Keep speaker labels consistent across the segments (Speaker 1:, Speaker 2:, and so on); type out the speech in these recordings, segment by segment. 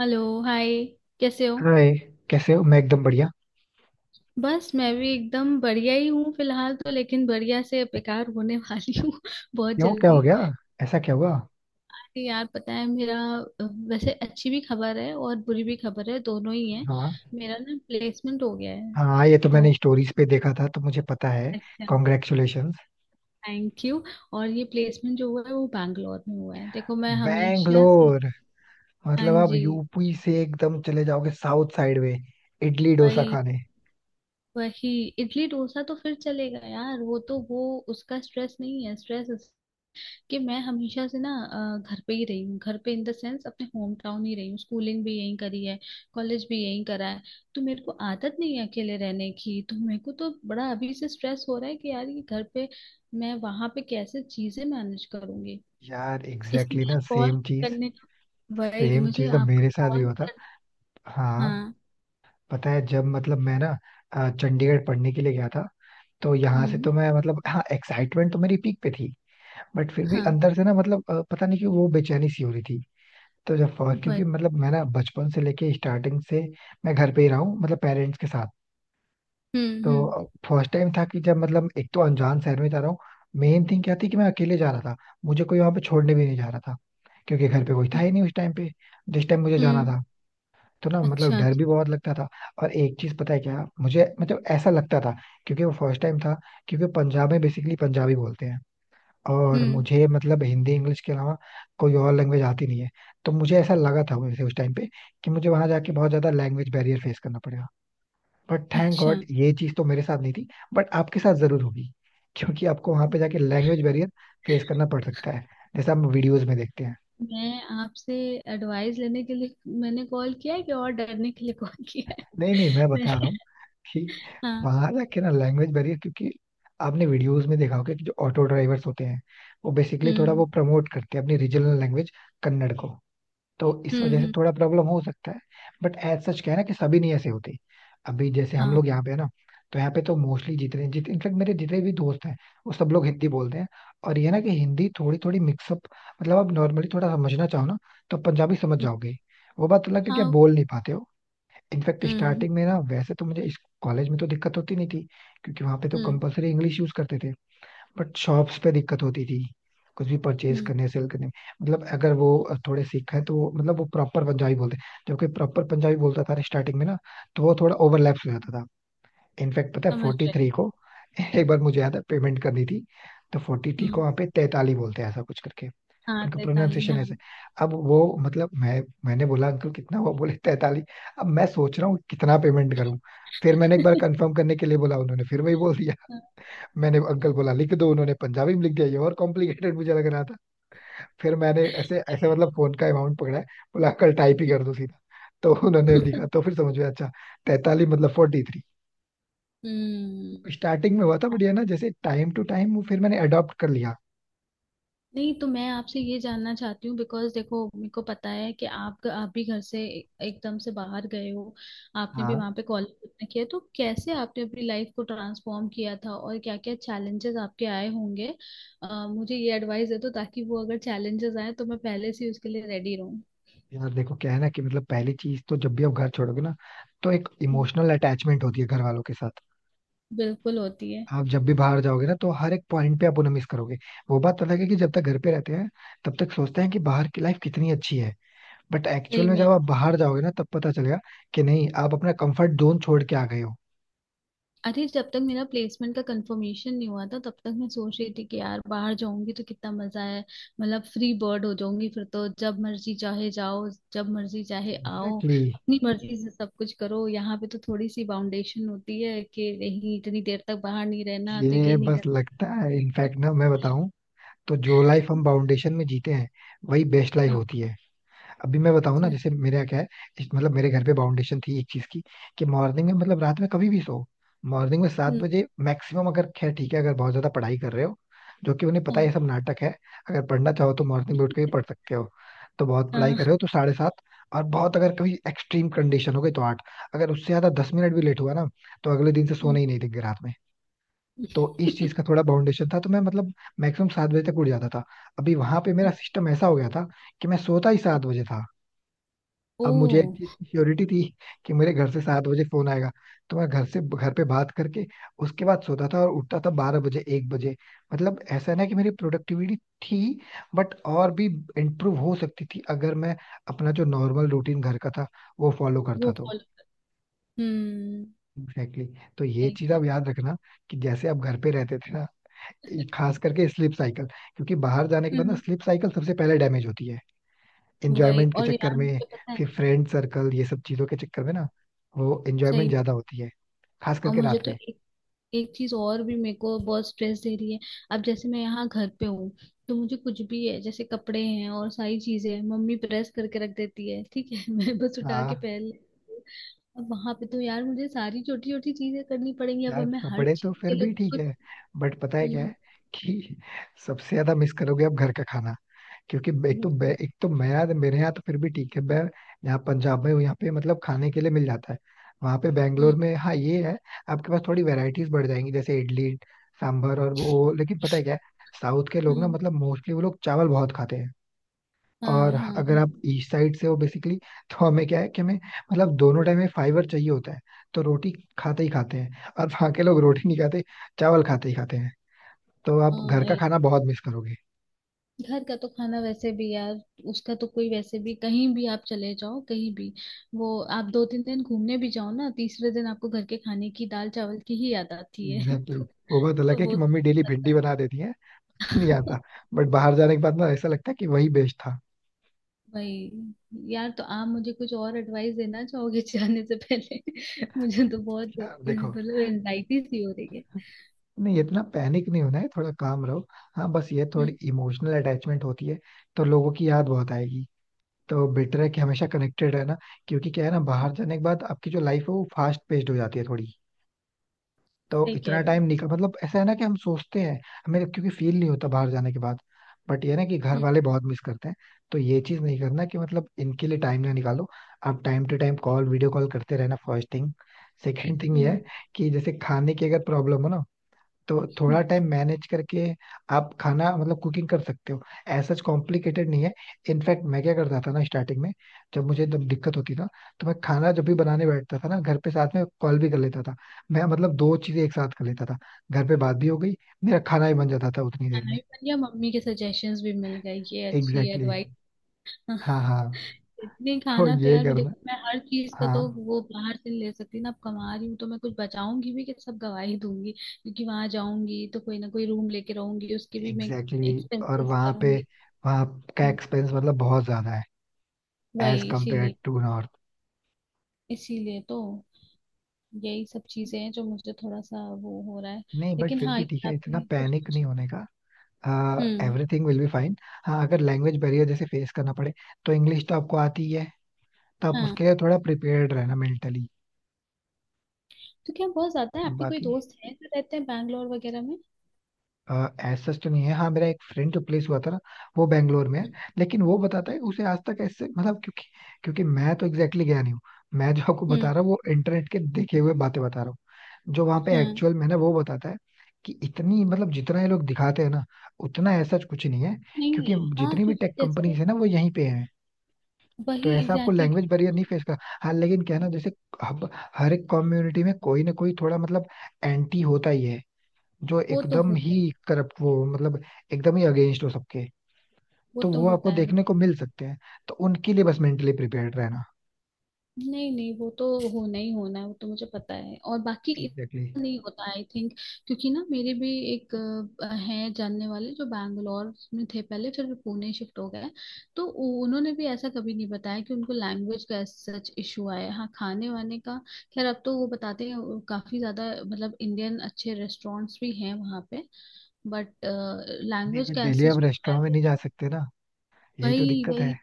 Speaker 1: Hello hi. कैसे हो।
Speaker 2: अरे, कैसे हो? मैं एकदम बढ़िया.
Speaker 1: बस मैं भी एकदम बढ़िया ही हूँ फिलहाल, तो लेकिन बढ़िया से बेकार होने वाली हूँ बहुत
Speaker 2: क्यों, क्या हो
Speaker 1: जल्दी।
Speaker 2: गया? ऐसा क्या हुआ?
Speaker 1: अरे यार, पता है मेरा अ, वैसे अच्छी भी खबर है और बुरी भी खबर है, दोनों ही है।
Speaker 2: हाँ.
Speaker 1: मेरा ना प्लेसमेंट हो गया है
Speaker 2: हाँ, ये तो
Speaker 1: तो।
Speaker 2: मैंने स्टोरीज पे देखा था, तो मुझे पता है.
Speaker 1: अच्छा।
Speaker 2: कॉन्ग्रेचुलेशंस.
Speaker 1: Thank you. और ये प्लेसमेंट जो हुआ है वो बैंगलोर में हुआ है। देखो मैं हमेशा से।
Speaker 2: बैंगलोर?
Speaker 1: हाँ
Speaker 2: मतलब आप
Speaker 1: जी।
Speaker 2: यूपी से एकदम चले जाओगे साउथ साइड में? इडली डोसा
Speaker 1: वही
Speaker 2: खाने?
Speaker 1: वही इडली डोसा तो फिर चलेगा यार, वो तो वो उसका स्ट्रेस नहीं है। स्ट्रेस कि मैं हमेशा से ना घर पे ही रही हूँ, घर पे इन द सेंस अपने होम टाउन ही रही हूँ। स्कूलिंग भी यहीं करी है, कॉलेज भी यहीं करा है। तो मेरे को आदत नहीं है अकेले रहने की, तो मेरे को तो बड़ा अभी से स्ट्रेस हो रहा है कि यार ये घर पे मैं वहां पे कैसे चीजें मैनेज करूंगी।
Speaker 2: यार
Speaker 1: इसलिए
Speaker 2: एग्जैक्टली exactly ना,
Speaker 1: मैं कॉल
Speaker 2: सेम चीज.
Speaker 1: करने का, वही
Speaker 2: सेम
Speaker 1: मुझे
Speaker 2: चीज ना
Speaker 1: आपको
Speaker 2: मेरे साथ भी
Speaker 1: कॉल
Speaker 2: होता.
Speaker 1: कर।
Speaker 2: हाँ.
Speaker 1: हाँ।
Speaker 2: पता है, जब मतलब मैं ना चंडीगढ़ पढ़ने के लिए गया था. तो यहाँ से
Speaker 1: हम्म।
Speaker 2: तो मैं मतलब, हाँ, एक्साइटमेंट तो मेरी पीक पे थी. बट फिर भी
Speaker 1: हाँ।
Speaker 2: अंदर से ना मतलब पता नहीं कि वो बेचैनी सी हो रही थी. तो जब फर्स्ट,
Speaker 1: वही।
Speaker 2: क्योंकि मतलब मैं ना बचपन से लेके स्टार्टिंग से मैं घर पे ही रहा हूँ मतलब पेरेंट्स के साथ.
Speaker 1: हम्म। हम्म।
Speaker 2: तो फर्स्ट टाइम था कि जब मतलब एक तो अनजान शहर में जा रहा हूँ, मेन थिंग क्या थी कि मैं अकेले जा रहा था. मुझे कोई वहां पे छोड़ने भी नहीं जा रहा था, क्योंकि घर पे कोई था
Speaker 1: हम्म।
Speaker 2: ही नहीं उस टाइम पे, जिस टाइम मुझे जाना
Speaker 1: हम्म।
Speaker 2: था. तो ना मतलब
Speaker 1: अच्छा
Speaker 2: डर
Speaker 1: अच्छा।
Speaker 2: भी बहुत लगता था. और एक चीज, पता है क्या, मुझे मतलब ऐसा लगता था, क्योंकि वो फर्स्ट टाइम था, क्योंकि पंजाब में बेसिकली पंजाबी बोलते हैं, और
Speaker 1: हम्म।
Speaker 2: मुझे मतलब हिंदी इंग्लिश के अलावा कोई और लैंग्वेज आती नहीं है. तो मुझे ऐसा लगा था, वैसे उस टाइम पे, कि मुझे वहां जाके बहुत ज्यादा लैंग्वेज बैरियर फेस करना पड़ेगा. बट थैंक
Speaker 1: अच्छा।
Speaker 2: गॉड ये चीज तो मेरे साथ नहीं थी. बट आपके साथ जरूर होगी, क्योंकि आपको वहां पे जाके लैंग्वेज बैरियर फेस करना पड़ सकता है, जैसा हम वीडियोज में देखते हैं.
Speaker 1: मैं आपसे एडवाइस लेने के लिए मैंने कॉल किया है कि, और डरने के लिए कॉल किया है।
Speaker 2: नहीं नहीं, मैं
Speaker 1: मैंने।
Speaker 2: बता रहा हूँ कि
Speaker 1: हाँ।
Speaker 2: वहां जाके ना लैंग्वेज बैरियर, क्योंकि आपने वीडियोस में देखा होगा कि जो ऑटो ड्राइवर्स होते हैं वो बेसिकली थोड़ा
Speaker 1: हम्म।
Speaker 2: वो प्रमोट करते हैं अपनी रीजनल लैंग्वेज, कन्नड़ को. तो इस
Speaker 1: हम्म।
Speaker 2: वजह से
Speaker 1: हम्म।
Speaker 2: थोड़ा प्रॉब्लम हो सकता है. बट एज सच क्या है ना कि सभी नहीं ऐसे होते. अभी जैसे हम
Speaker 1: हाँ।
Speaker 2: लोग यहाँ पे है ना, तो यहाँ पे तो मोस्टली जितने जितने, इनफेक्ट मेरे जितने भी दोस्त हैं, वो सब लोग हिंदी बोलते हैं. और ये ना कि हिंदी थोड़ी थोड़ी मिक्सअप, मतलब आप नॉर्मली थोड़ा समझना चाहो ना, तो पंजाबी समझ
Speaker 1: हम्म।
Speaker 2: जाओगे. वो बात अलग है कि आप
Speaker 1: हाँ।
Speaker 2: बोल नहीं पाते हो. इनफैक्ट
Speaker 1: हम्म। हम्म।
Speaker 2: स्टार्टिंग में ना, वैसे तो मुझे इस कॉलेज में तो दिक्कत होती नहीं थी, क्योंकि वहां पे तो
Speaker 1: हम्म।
Speaker 2: कंपलसरी इंग्लिश यूज करते थे. बट शॉप्स पे दिक्कत होती थी, कुछ भी परचेज
Speaker 1: हम्म।
Speaker 2: करने सेल करने में. मतलब अगर वो थोड़े सिख है तो वो मतलब वो प्रॉपर पंजाबी बोलते. जबकि प्रॉपर पंजाबी बोलता था स्टार्टिंग में ना, तो वो थोड़ा ओवरलैप्स हो जाता था. इनफैक्ट पता है,
Speaker 1: समझ
Speaker 2: 43
Speaker 1: रही
Speaker 2: को एक बार मुझे याद है पेमेंट करनी थी, तो फोर्टी
Speaker 1: हूँ।
Speaker 2: थ्री
Speaker 1: हम्म।
Speaker 2: को वहाँ पे 43 बोलते हैं, ऐसा कुछ करके.
Speaker 1: हाँ,
Speaker 2: उनका
Speaker 1: तैताली,
Speaker 2: प्रोनाउंसिएशन ऐसे.
Speaker 1: हाँ।
Speaker 2: अब वो मतलब मैंने बोला अंकल कितना हुआ, बोले 43. अब मैं सोच रहा हूँ कितना पेमेंट करूँ. फिर मैंने एक बार कंफर्म करने के लिए बोला, उन्होंने फिर वही बोल दिया. मैंने अंकल बोला लिख दो, उन्होंने पंजाबी में लिख दिया, ये और कॉम्प्लिकेटेड मुझे लग रहा था. फिर मैंने ऐसे ऐसे मतलब फोन का अमाउंट पकड़ा है, बोला अंकल टाइप ही कर दो सीधा. तो उन्होंने लिखा, तो फिर समझ में आया. अच्छा, 43 मतलब 43.
Speaker 1: हम्म।
Speaker 2: स्टार्टिंग में हुआ था, बढ़िया ना, जैसे टाइम टू टाइम वो फिर मैंने अडॉप्ट कर लिया.
Speaker 1: नहीं, तो मैं आपसे ये जानना चाहती हूँ बिकॉज देखो, मेरे को पता है कि आप भी घर से एकदम से बाहर गए हो। आपने भी
Speaker 2: हाँ,
Speaker 1: वहां पे कॉलेज अपना किया, तो कैसे आपने अपनी लाइफ को ट्रांसफॉर्म किया था और क्या क्या चैलेंजेस आपके आए होंगे। मुझे ये एडवाइस दे दो ताकि वो अगर चैलेंजेस आए तो मैं पहले से ही उसके लिए रेडी रहूँ।
Speaker 2: यार देखो क्या है ना, कि मतलब पहली चीज तो जब भी आप घर छोड़ोगे ना, तो एक
Speaker 1: हम्म।
Speaker 2: इमोशनल अटैचमेंट होती है घर वालों के साथ.
Speaker 1: बिल्कुल होती है।
Speaker 2: आप जब भी बाहर जाओगे ना, तो हर एक पॉइंट पे आप उन्हें मिस करोगे. वो बात अलग है कि जब तक घर पे रहते हैं, तब तक सोचते हैं कि बाहर की लाइफ कितनी अच्छी है. बट
Speaker 1: सही
Speaker 2: एक्चुअल में जब
Speaker 1: में।
Speaker 2: आप बाहर जाओगे ना, तब पता चलेगा कि नहीं, आप अपना कंफर्ट जोन छोड़ के आ गए हो.
Speaker 1: अरे जब तक मेरा प्लेसमेंट का कंफर्मेशन नहीं हुआ था तब तक मैं सोच रही थी कि यार बाहर जाऊंगी तो कितना मजा है। मतलब फ्री बर्ड हो जाऊंगी, फिर तो जब मर्जी चाहे जाओ, जब मर्जी चाहे आओ,
Speaker 2: एग्जैक्टली exactly.
Speaker 1: अपनी मर्जी से सब कुछ करो। यहाँ पे तो थोड़ी सी बाउंडेशन होती है कि नहीं, इतनी देर तक बाहर नहीं रहना, तो
Speaker 2: ये
Speaker 1: ये नहीं
Speaker 2: बस
Speaker 1: करना।
Speaker 2: लगता है. इनफैक्ट ना, मैं बताऊं, तो जो लाइफ हम फाउंडेशन में जीते हैं, वही बेस्ट लाइफ
Speaker 1: हाँ।
Speaker 2: होती है. अभी मैं बताऊं ना,
Speaker 1: अच्छा।
Speaker 2: जैसे मेरे यहाँ क्या है. मतलब मेरे घर पे बाउंडेशन थी एक चीज की, कि मॉर्निंग में मतलब रात में कभी भी सो, मॉर्निंग में सात
Speaker 1: हम्म।
Speaker 2: बजे मैक्सिमम. अगर खैर ठीक है, अगर बहुत ज्यादा पढ़ाई कर रहे हो, जो कि उन्हें पता है
Speaker 1: हाँ
Speaker 2: ये सब नाटक है. अगर पढ़ना चाहो तो मॉर्निंग में उठ के भी पढ़ सकते हो. तो बहुत पढ़ाई
Speaker 1: हाँ।
Speaker 2: कर रहे हो तो 7:30, और बहुत अगर कभी एक्सट्रीम कंडीशन हो गई तो आठ. अगर उससे ज्यादा 10 मिनट भी लेट हुआ ना, तो अगले दिन से सोने
Speaker 1: हम्म।
Speaker 2: ही नहीं देंगे रात में. तो इस चीज का थोड़ा बाउंडेशन था, तो मैं मतलब मैक्सिमम 7 बजे तक उठ जाता था. अभी वहां पे मेरा
Speaker 1: हम्म।
Speaker 2: सिस्टम ऐसा हो गया था कि मैं सोता ही 7 बजे था.
Speaker 1: ओ।
Speaker 2: अब मुझे एक चीज की श्योरिटी थी कि मेरे घर से 7 बजे फोन आएगा, तो मैं घर से घर पे बात करके उसके बाद सोता था और उठता था 12 बजे एक बजे. मतलब ऐसा ना कि मेरी प्रोडक्टिविटी थी, बट और भी इम्प्रूव हो सकती थी अगर मैं अपना जो नॉर्मल रूटीन घर का था वो फॉलो करता
Speaker 1: वो
Speaker 2: तो.
Speaker 1: फॉलो। हम्म।
Speaker 2: Exactly exactly. तो ये
Speaker 1: सही
Speaker 2: चीज
Speaker 1: कह रहे
Speaker 2: आप
Speaker 1: हो।
Speaker 2: याद रखना, कि जैसे आप घर पे रहते थे ना, ये खास करके स्लीप साइकिल, क्योंकि बाहर जाने के बाद ना
Speaker 1: हम्म।
Speaker 2: स्लीप साइकिल सबसे पहले डैमेज होती है,
Speaker 1: वही,
Speaker 2: एंजॉयमेंट के
Speaker 1: और
Speaker 2: चक्कर
Speaker 1: यार
Speaker 2: में.
Speaker 1: मुझे पता है।
Speaker 2: फिर फ्रेंड सर्कल ये सब चीजों के चक्कर में ना वो एंजॉयमेंट
Speaker 1: सही।
Speaker 2: ज्यादा होती है, खास
Speaker 1: और
Speaker 2: करके
Speaker 1: मुझे
Speaker 2: रात
Speaker 1: तो
Speaker 2: में.
Speaker 1: एक एक चीज और भी मेरे को बहुत स्ट्रेस दे रही है। अब जैसे मैं यहाँ घर पे हूँ तो मुझे कुछ भी है, जैसे कपड़े हैं और सारी चीजें हैं, मम्मी प्रेस करके रख देती है, ठीक है। मैं बस उठा के
Speaker 2: हाँ,
Speaker 1: पहन लेती हूँ। अब वहां पे तो यार मुझे सारी छोटी छोटी चीजें करनी पड़ेंगी। अब
Speaker 2: यार
Speaker 1: मैं हर
Speaker 2: कपड़े तो
Speaker 1: चीज के
Speaker 2: फिर
Speaker 1: लिए
Speaker 2: भी
Speaker 1: तो
Speaker 2: ठीक
Speaker 1: कुछ।
Speaker 2: है, बट पता है क्या
Speaker 1: हम्म।
Speaker 2: है, कि सबसे ज्यादा मिस करोगे आप घर का खाना. क्योंकि एक
Speaker 1: हम्म।
Speaker 2: तो एक तो मेरे यहाँ तो फिर भी ठीक है, मैं यहाँ पंजाब में हूँ, यहाँ पे मतलब खाने के लिए मिल जाता है. वहाँ पे बैंगलोर में, हाँ ये है, आपके पास थोड़ी वेराइटीज बढ़ जाएंगी, जैसे इडली सांभर और वो, लेकिन पता है क्या है, साउथ के लोग ना
Speaker 1: हम्म।
Speaker 2: मतलब मोस्टली वो लोग चावल बहुत खाते हैं. और
Speaker 1: हाँ हाँ
Speaker 2: अगर
Speaker 1: हाँ।
Speaker 2: आप ईस्ट साइड से हो बेसिकली, तो हमें क्या है कि हमें मतलब दोनों टाइम में फाइबर चाहिए होता है, तो रोटी खाते ही खाते हैं. और वहाँ के लोग रोटी नहीं खाते, चावल खाते ही खाते हैं. तो आप घर का
Speaker 1: हाँ,
Speaker 2: खाना बहुत मिस करोगे.
Speaker 1: घर का तो खाना वैसे भी यार, उसका तो कोई, वैसे भी कहीं भी आप चले जाओ, कहीं भी वो। आप दो तीन दिन घूमने भी जाओ ना, तीसरे दिन आपको घर के खाने की दाल चावल की ही याद आती है।
Speaker 2: Exactly exactly. वो बात अलग
Speaker 1: तो
Speaker 2: है कि
Speaker 1: वो
Speaker 2: मम्मी
Speaker 1: तो
Speaker 2: डेली
Speaker 1: पता
Speaker 2: भिंडी
Speaker 1: है।
Speaker 2: बना देती है नहीं आता. बट बाहर जाने के बाद ना ऐसा लगता है कि वही बेस्ट था.
Speaker 1: भाई। यार तो आप मुझे कुछ और एडवाइस देना चाहोगे जाने से पहले। मुझे तो बहुत
Speaker 2: यार देखो,
Speaker 1: मतलब एनजाइटी सी हो रही है।
Speaker 2: नहीं, इतना पैनिक नहीं होना है, थोड़ा काम रहो. हाँ, बस ये
Speaker 1: हम्म।
Speaker 2: थोड़ी इमोशनल अटैचमेंट होती है, तो लोगों की याद बहुत आएगी. तो बेटर है कि हमेशा कनेक्टेड रहना, क्योंकि क्या है ना, बाहर जाने के बाद आपकी जो लाइफ है वो फास्ट पेस्ड हो जाती है थोड़ी. तो
Speaker 1: सही कह
Speaker 2: इतना
Speaker 1: रहे हो।
Speaker 2: टाइम निकल, मतलब ऐसा है ना कि हम सोचते हैं, हमें क्योंकि फील नहीं होता बाहर जाने के बाद, बट ये है ना कि घर
Speaker 1: हम्म।
Speaker 2: वाले बहुत मिस करते हैं. तो ये चीज नहीं करना कि मतलब इनके लिए टाइम ना निकालो. आप time to time call, video call करते रहना, फर्स्ट थिंग. सेकेंड थिंग ये है
Speaker 1: हम्म।
Speaker 2: कि जैसे खाने की अगर प्रॉब्लम हो ना, तो थोड़ा
Speaker 1: हम्म।
Speaker 2: टाइम मैनेज करके आप खाना मतलब कुकिंग कर सकते हो. ऐसा कॉम्प्लिकेटेड नहीं है. इनफैक्ट मैं क्या करता था ना स्टार्टिंग में, जब मुझे एकदम दिक्कत होती था, तो मैं खाना जब भी बनाने बैठता था ना, घर पे साथ में कॉल भी कर लेता था. मैं मतलब दो चीजें एक साथ कर लेता था, घर पे बात भी हो गई, मेरा खाना भी बन जाता था उतनी देर
Speaker 1: खाना
Speaker 2: में.
Speaker 1: भी बन गया, मम्मी के सजेशंस भी मिल गए। ये अच्छी
Speaker 2: एग्जैक्टली exactly.
Speaker 1: एडवाइस।
Speaker 2: हाँ हाँ,
Speaker 1: इतनी
Speaker 2: तो
Speaker 1: खाना तो
Speaker 2: ये
Speaker 1: यार मैं,
Speaker 2: करना.
Speaker 1: देखो मैं हर चीज का तो
Speaker 2: हाँ.
Speaker 1: वो बाहर से नहीं ले सकती ना। अब कमा रही हूँ तो मैं कुछ बचाऊंगी भी कि सब गवा ही दूंगी। क्योंकि वहां जाऊंगी तो कोई ना कोई रूम लेके रहूंगी, उसके भी मैं
Speaker 2: एग्जैक्टली exactly. और
Speaker 1: एक्सपेंसेस
Speaker 2: वहाँ पे,
Speaker 1: करूंगी।
Speaker 2: वहाँ का
Speaker 1: हम्म।
Speaker 2: एक्सपेंस मतलब बहुत ज्यादा है, एज
Speaker 1: वही
Speaker 2: कम्पेयर
Speaker 1: इसीलिए,
Speaker 2: टू नॉर्थ.
Speaker 1: इसीलिए तो यही सब चीजें हैं जो मुझे थोड़ा सा वो हो रहा है।
Speaker 2: नहीं, बट
Speaker 1: लेकिन
Speaker 2: फिर
Speaker 1: हाँ,
Speaker 2: भी
Speaker 1: ये
Speaker 2: ठीक है, इतना
Speaker 1: आपने कुछ
Speaker 2: पैनिक
Speaker 1: कुछ।
Speaker 2: नहीं होने का.
Speaker 1: हम्म।
Speaker 2: Everything will be fine. हाँ, अगर लैंग्वेज बैरियर जैसे फेस करना पड़े, तो इंग्लिश तो आपको आती ही है, तो आप
Speaker 1: हाँ।
Speaker 2: उसके लिए थोड़ा प्रिपेयर्ड रहना मेंटली.
Speaker 1: तो क्या बहुत ज्यादा है, आपके कोई
Speaker 2: बाकी
Speaker 1: दोस्त हैं जो रहते हैं बैंगलोर वगैरह में।
Speaker 2: एज सच तो नहीं है. हाँ, मेरा एक फ्रेंड जो प्लेस हुआ था ना, वो बैंगलोर में है.
Speaker 1: हम्म।
Speaker 2: लेकिन वो बताता है कि उसे आज तक ऐसे मतलब, क्योंकि क्योंकि मैं तो एग्जैक्टली exactly गया नहीं हूँ. मैं जो आपको बता
Speaker 1: हम्म।
Speaker 2: रहा हूँ वो इंटरनेट के देखे हुए बातें बता रहा हूँ. जो वहाँ पे
Speaker 1: हाँ।
Speaker 2: एक्चुअल में ना वो बताता है कि इतनी मतलब जितना ये लोग दिखाते हैं ना, उतना ऐसा कुछ नहीं है,
Speaker 1: नहीं
Speaker 2: क्योंकि
Speaker 1: है हाँ,
Speaker 2: जितनी भी
Speaker 1: क्योंकि
Speaker 2: टेक
Speaker 1: जैसे।
Speaker 2: कंपनीज है ना वो यहीं पे है. तो
Speaker 1: वही
Speaker 2: ऐसा आपको
Speaker 1: एग्जैक्टली
Speaker 2: लैंग्वेज बैरियर
Speaker 1: exactly।
Speaker 2: नहीं फेस कर. हाँ, लेकिन क्या है ना, जैसे अब हर एक कम्युनिटी में कोई ना कोई थोड़ा मतलब एंटी होता ही है, जो
Speaker 1: वो तो
Speaker 2: एकदम
Speaker 1: होता है।
Speaker 2: ही करप्ट वो मतलब एकदम ही अगेंस्ट हो सबके.
Speaker 1: वो
Speaker 2: तो
Speaker 1: तो
Speaker 2: वो
Speaker 1: होता
Speaker 2: आपको
Speaker 1: है।
Speaker 2: देखने को मिल सकते हैं, तो उनके लिए बस मेंटली प्रिपेयर्ड रहना.
Speaker 1: नहीं नहीं, वो तो होना ही होना है, वो तो मुझे पता है। और बाकी
Speaker 2: एग्जैक्टली exactly.
Speaker 1: इतना नहीं होता आई थिंक। क्योंकि ना मेरे भी एक है जानने वाले जो बैंगलोर में थे पहले, फिर वो पुणे शिफ्ट हो गए। तो उन्होंने भी ऐसा कभी नहीं बताया कि उनको लैंग्वेज का सच इशू आया है। हाँ, खाने वाने का खैर अब तो वो बताते हैं, वो काफी ज्यादा मतलब इंडियन अच्छे रेस्टोरेंट्स भी हैं वहाँ पे। बट
Speaker 2: नहीं,
Speaker 1: लैंग्वेज
Speaker 2: बट
Speaker 1: का
Speaker 2: डेली
Speaker 1: ऐसा
Speaker 2: आप
Speaker 1: कोई
Speaker 2: रेस्टोरेंट में
Speaker 1: barrier।
Speaker 2: नहीं जा सकते ना, यही तो
Speaker 1: वही
Speaker 2: दिक्कत है.
Speaker 1: वही।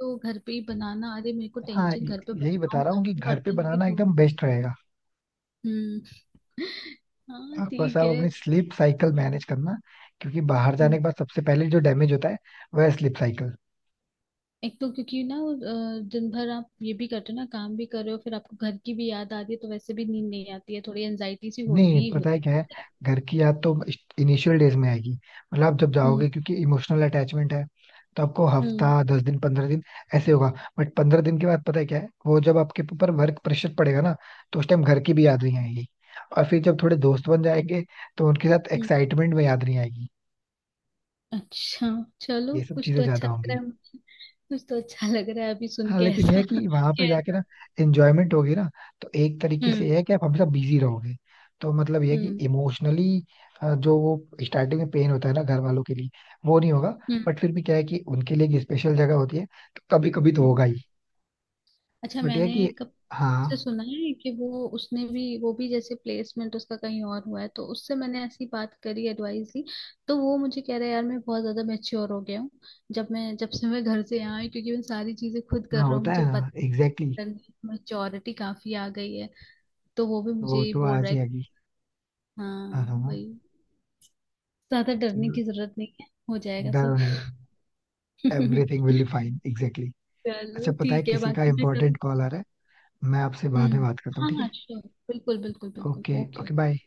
Speaker 1: तो घर पे ही बनाना, अरे मेरे को
Speaker 2: हाँ,
Speaker 1: टेंशन, घर पे
Speaker 2: यही बता
Speaker 1: बनाऊं,
Speaker 2: रहा हूँ कि घर पे
Speaker 1: बर्तन भी
Speaker 2: बनाना
Speaker 1: धो।
Speaker 2: एकदम बेस्ट रहेगा.
Speaker 1: हम्म। हाँ
Speaker 2: आप बस
Speaker 1: ठीक
Speaker 2: आप
Speaker 1: है।
Speaker 2: अपनी स्लीप साइकिल मैनेज करना, क्योंकि बाहर जाने
Speaker 1: हम्म।
Speaker 2: के बाद सबसे पहले जो डैमेज होता है, वह स्लीप साइकिल.
Speaker 1: एक तो क्योंकि ना दिन भर आप ये भी करते हो ना, काम भी कर रहे हो, फिर आपको घर की भी याद आती है, तो वैसे भी नींद नहीं आती है, थोड़ी एनजाइटी सी
Speaker 2: नहीं,
Speaker 1: होती ही
Speaker 2: पता है
Speaker 1: होती
Speaker 2: क्या है,
Speaker 1: है।
Speaker 2: घर की याद तो इनिशियल डेज में आएगी. मतलब आप जब
Speaker 1: हम्म।
Speaker 2: जाओगे, क्योंकि इमोशनल अटैचमेंट है, तो आपको हफ्ता,
Speaker 1: हम्म।
Speaker 2: 10 दिन, 15 दिन ऐसे होगा. बट 15 दिन के बाद पता है क्या है, वो जब आपके ऊपर वर्क प्रेशर पड़ेगा ना, तो उस टाइम घर की भी याद नहीं आएगी. और फिर जब थोड़े दोस्त बन जाएंगे, तो उनके साथ
Speaker 1: हम्म।
Speaker 2: एक्साइटमेंट में याद नहीं आएगी.
Speaker 1: अच्छा। चलो
Speaker 2: ये सब
Speaker 1: कुछ
Speaker 2: चीजें
Speaker 1: तो
Speaker 2: ज्यादा
Speaker 1: अच्छा लग रहा
Speaker 2: होंगी.
Speaker 1: है मुझे। कुछ तो अच्छा लग रहा है अभी सुन
Speaker 2: हाँ
Speaker 1: के
Speaker 2: लेकिन यह है
Speaker 1: ऐसा।
Speaker 2: कि वहां पे जाके
Speaker 1: कैसा।
Speaker 2: ना एंजॉयमेंट होगी ना, तो एक तरीके से
Speaker 1: हम्म।
Speaker 2: यह है कि आप हमेशा बिजी रहोगे, तो मतलब यह है कि
Speaker 1: हम्म।
Speaker 2: इमोशनली जो वो स्टार्टिंग में पेन होता है ना घर वालों के लिए, वो नहीं होगा.
Speaker 1: हम्म।
Speaker 2: बट फिर भी क्या है कि उनके लिए एक स्पेशल जगह होती है, तो कभी कभी तो
Speaker 1: हम्म।
Speaker 2: होगा ही.
Speaker 1: अच्छा,
Speaker 2: बट यह है
Speaker 1: मैंने
Speaker 2: कि,
Speaker 1: एक से
Speaker 2: हाँ,
Speaker 1: सुना है कि वो, उसने भी वो भी जैसे प्लेसमेंट उसका कहीं और हुआ है, तो उससे मैंने ऐसी बात करी, एडवाइस ली। तो वो मुझे कह रहा है यार मैं बहुत ज्यादा मैच्योर हो गया हूँ जब मैं, जब से मैं घर से यहाँ आई क्योंकि मैं सारी चीजें खुद कर
Speaker 2: हाँ,
Speaker 1: रहा हूँ,
Speaker 2: होता है
Speaker 1: मुझे
Speaker 2: ना,
Speaker 1: पता
Speaker 2: एग्जैक्टली exactly.
Speaker 1: नहीं मैच्योरिटी काफी आ गई है। तो वो भी मुझे
Speaker 2: वो
Speaker 1: ही
Speaker 2: तो
Speaker 1: बोल
Speaker 2: आ
Speaker 1: रहा है कि
Speaker 2: जाएगी. हाँ
Speaker 1: हाँ
Speaker 2: हाँ.
Speaker 1: भाई, ज्यादा डरने
Speaker 2: चलो,
Speaker 1: की जरूरत नहीं है, हो जाएगा सब।
Speaker 2: डरो नहीं. Everything will be fine, exactly.
Speaker 1: चलो
Speaker 2: अच्छा, पता है
Speaker 1: ठीक है,
Speaker 2: किसी का
Speaker 1: बाकी मैं
Speaker 2: इंपॉर्टेंट
Speaker 1: कभी।
Speaker 2: कॉल आ रहा है, मैं आपसे बाद में
Speaker 1: हम्म।
Speaker 2: बात करता हूँ,
Speaker 1: हाँ
Speaker 2: ठीक
Speaker 1: हाँ
Speaker 2: है?
Speaker 1: श्योर। बिल्कुल बिल्कुल बिल्कुल।
Speaker 2: Okay,
Speaker 1: okay.
Speaker 2: Okay, bye.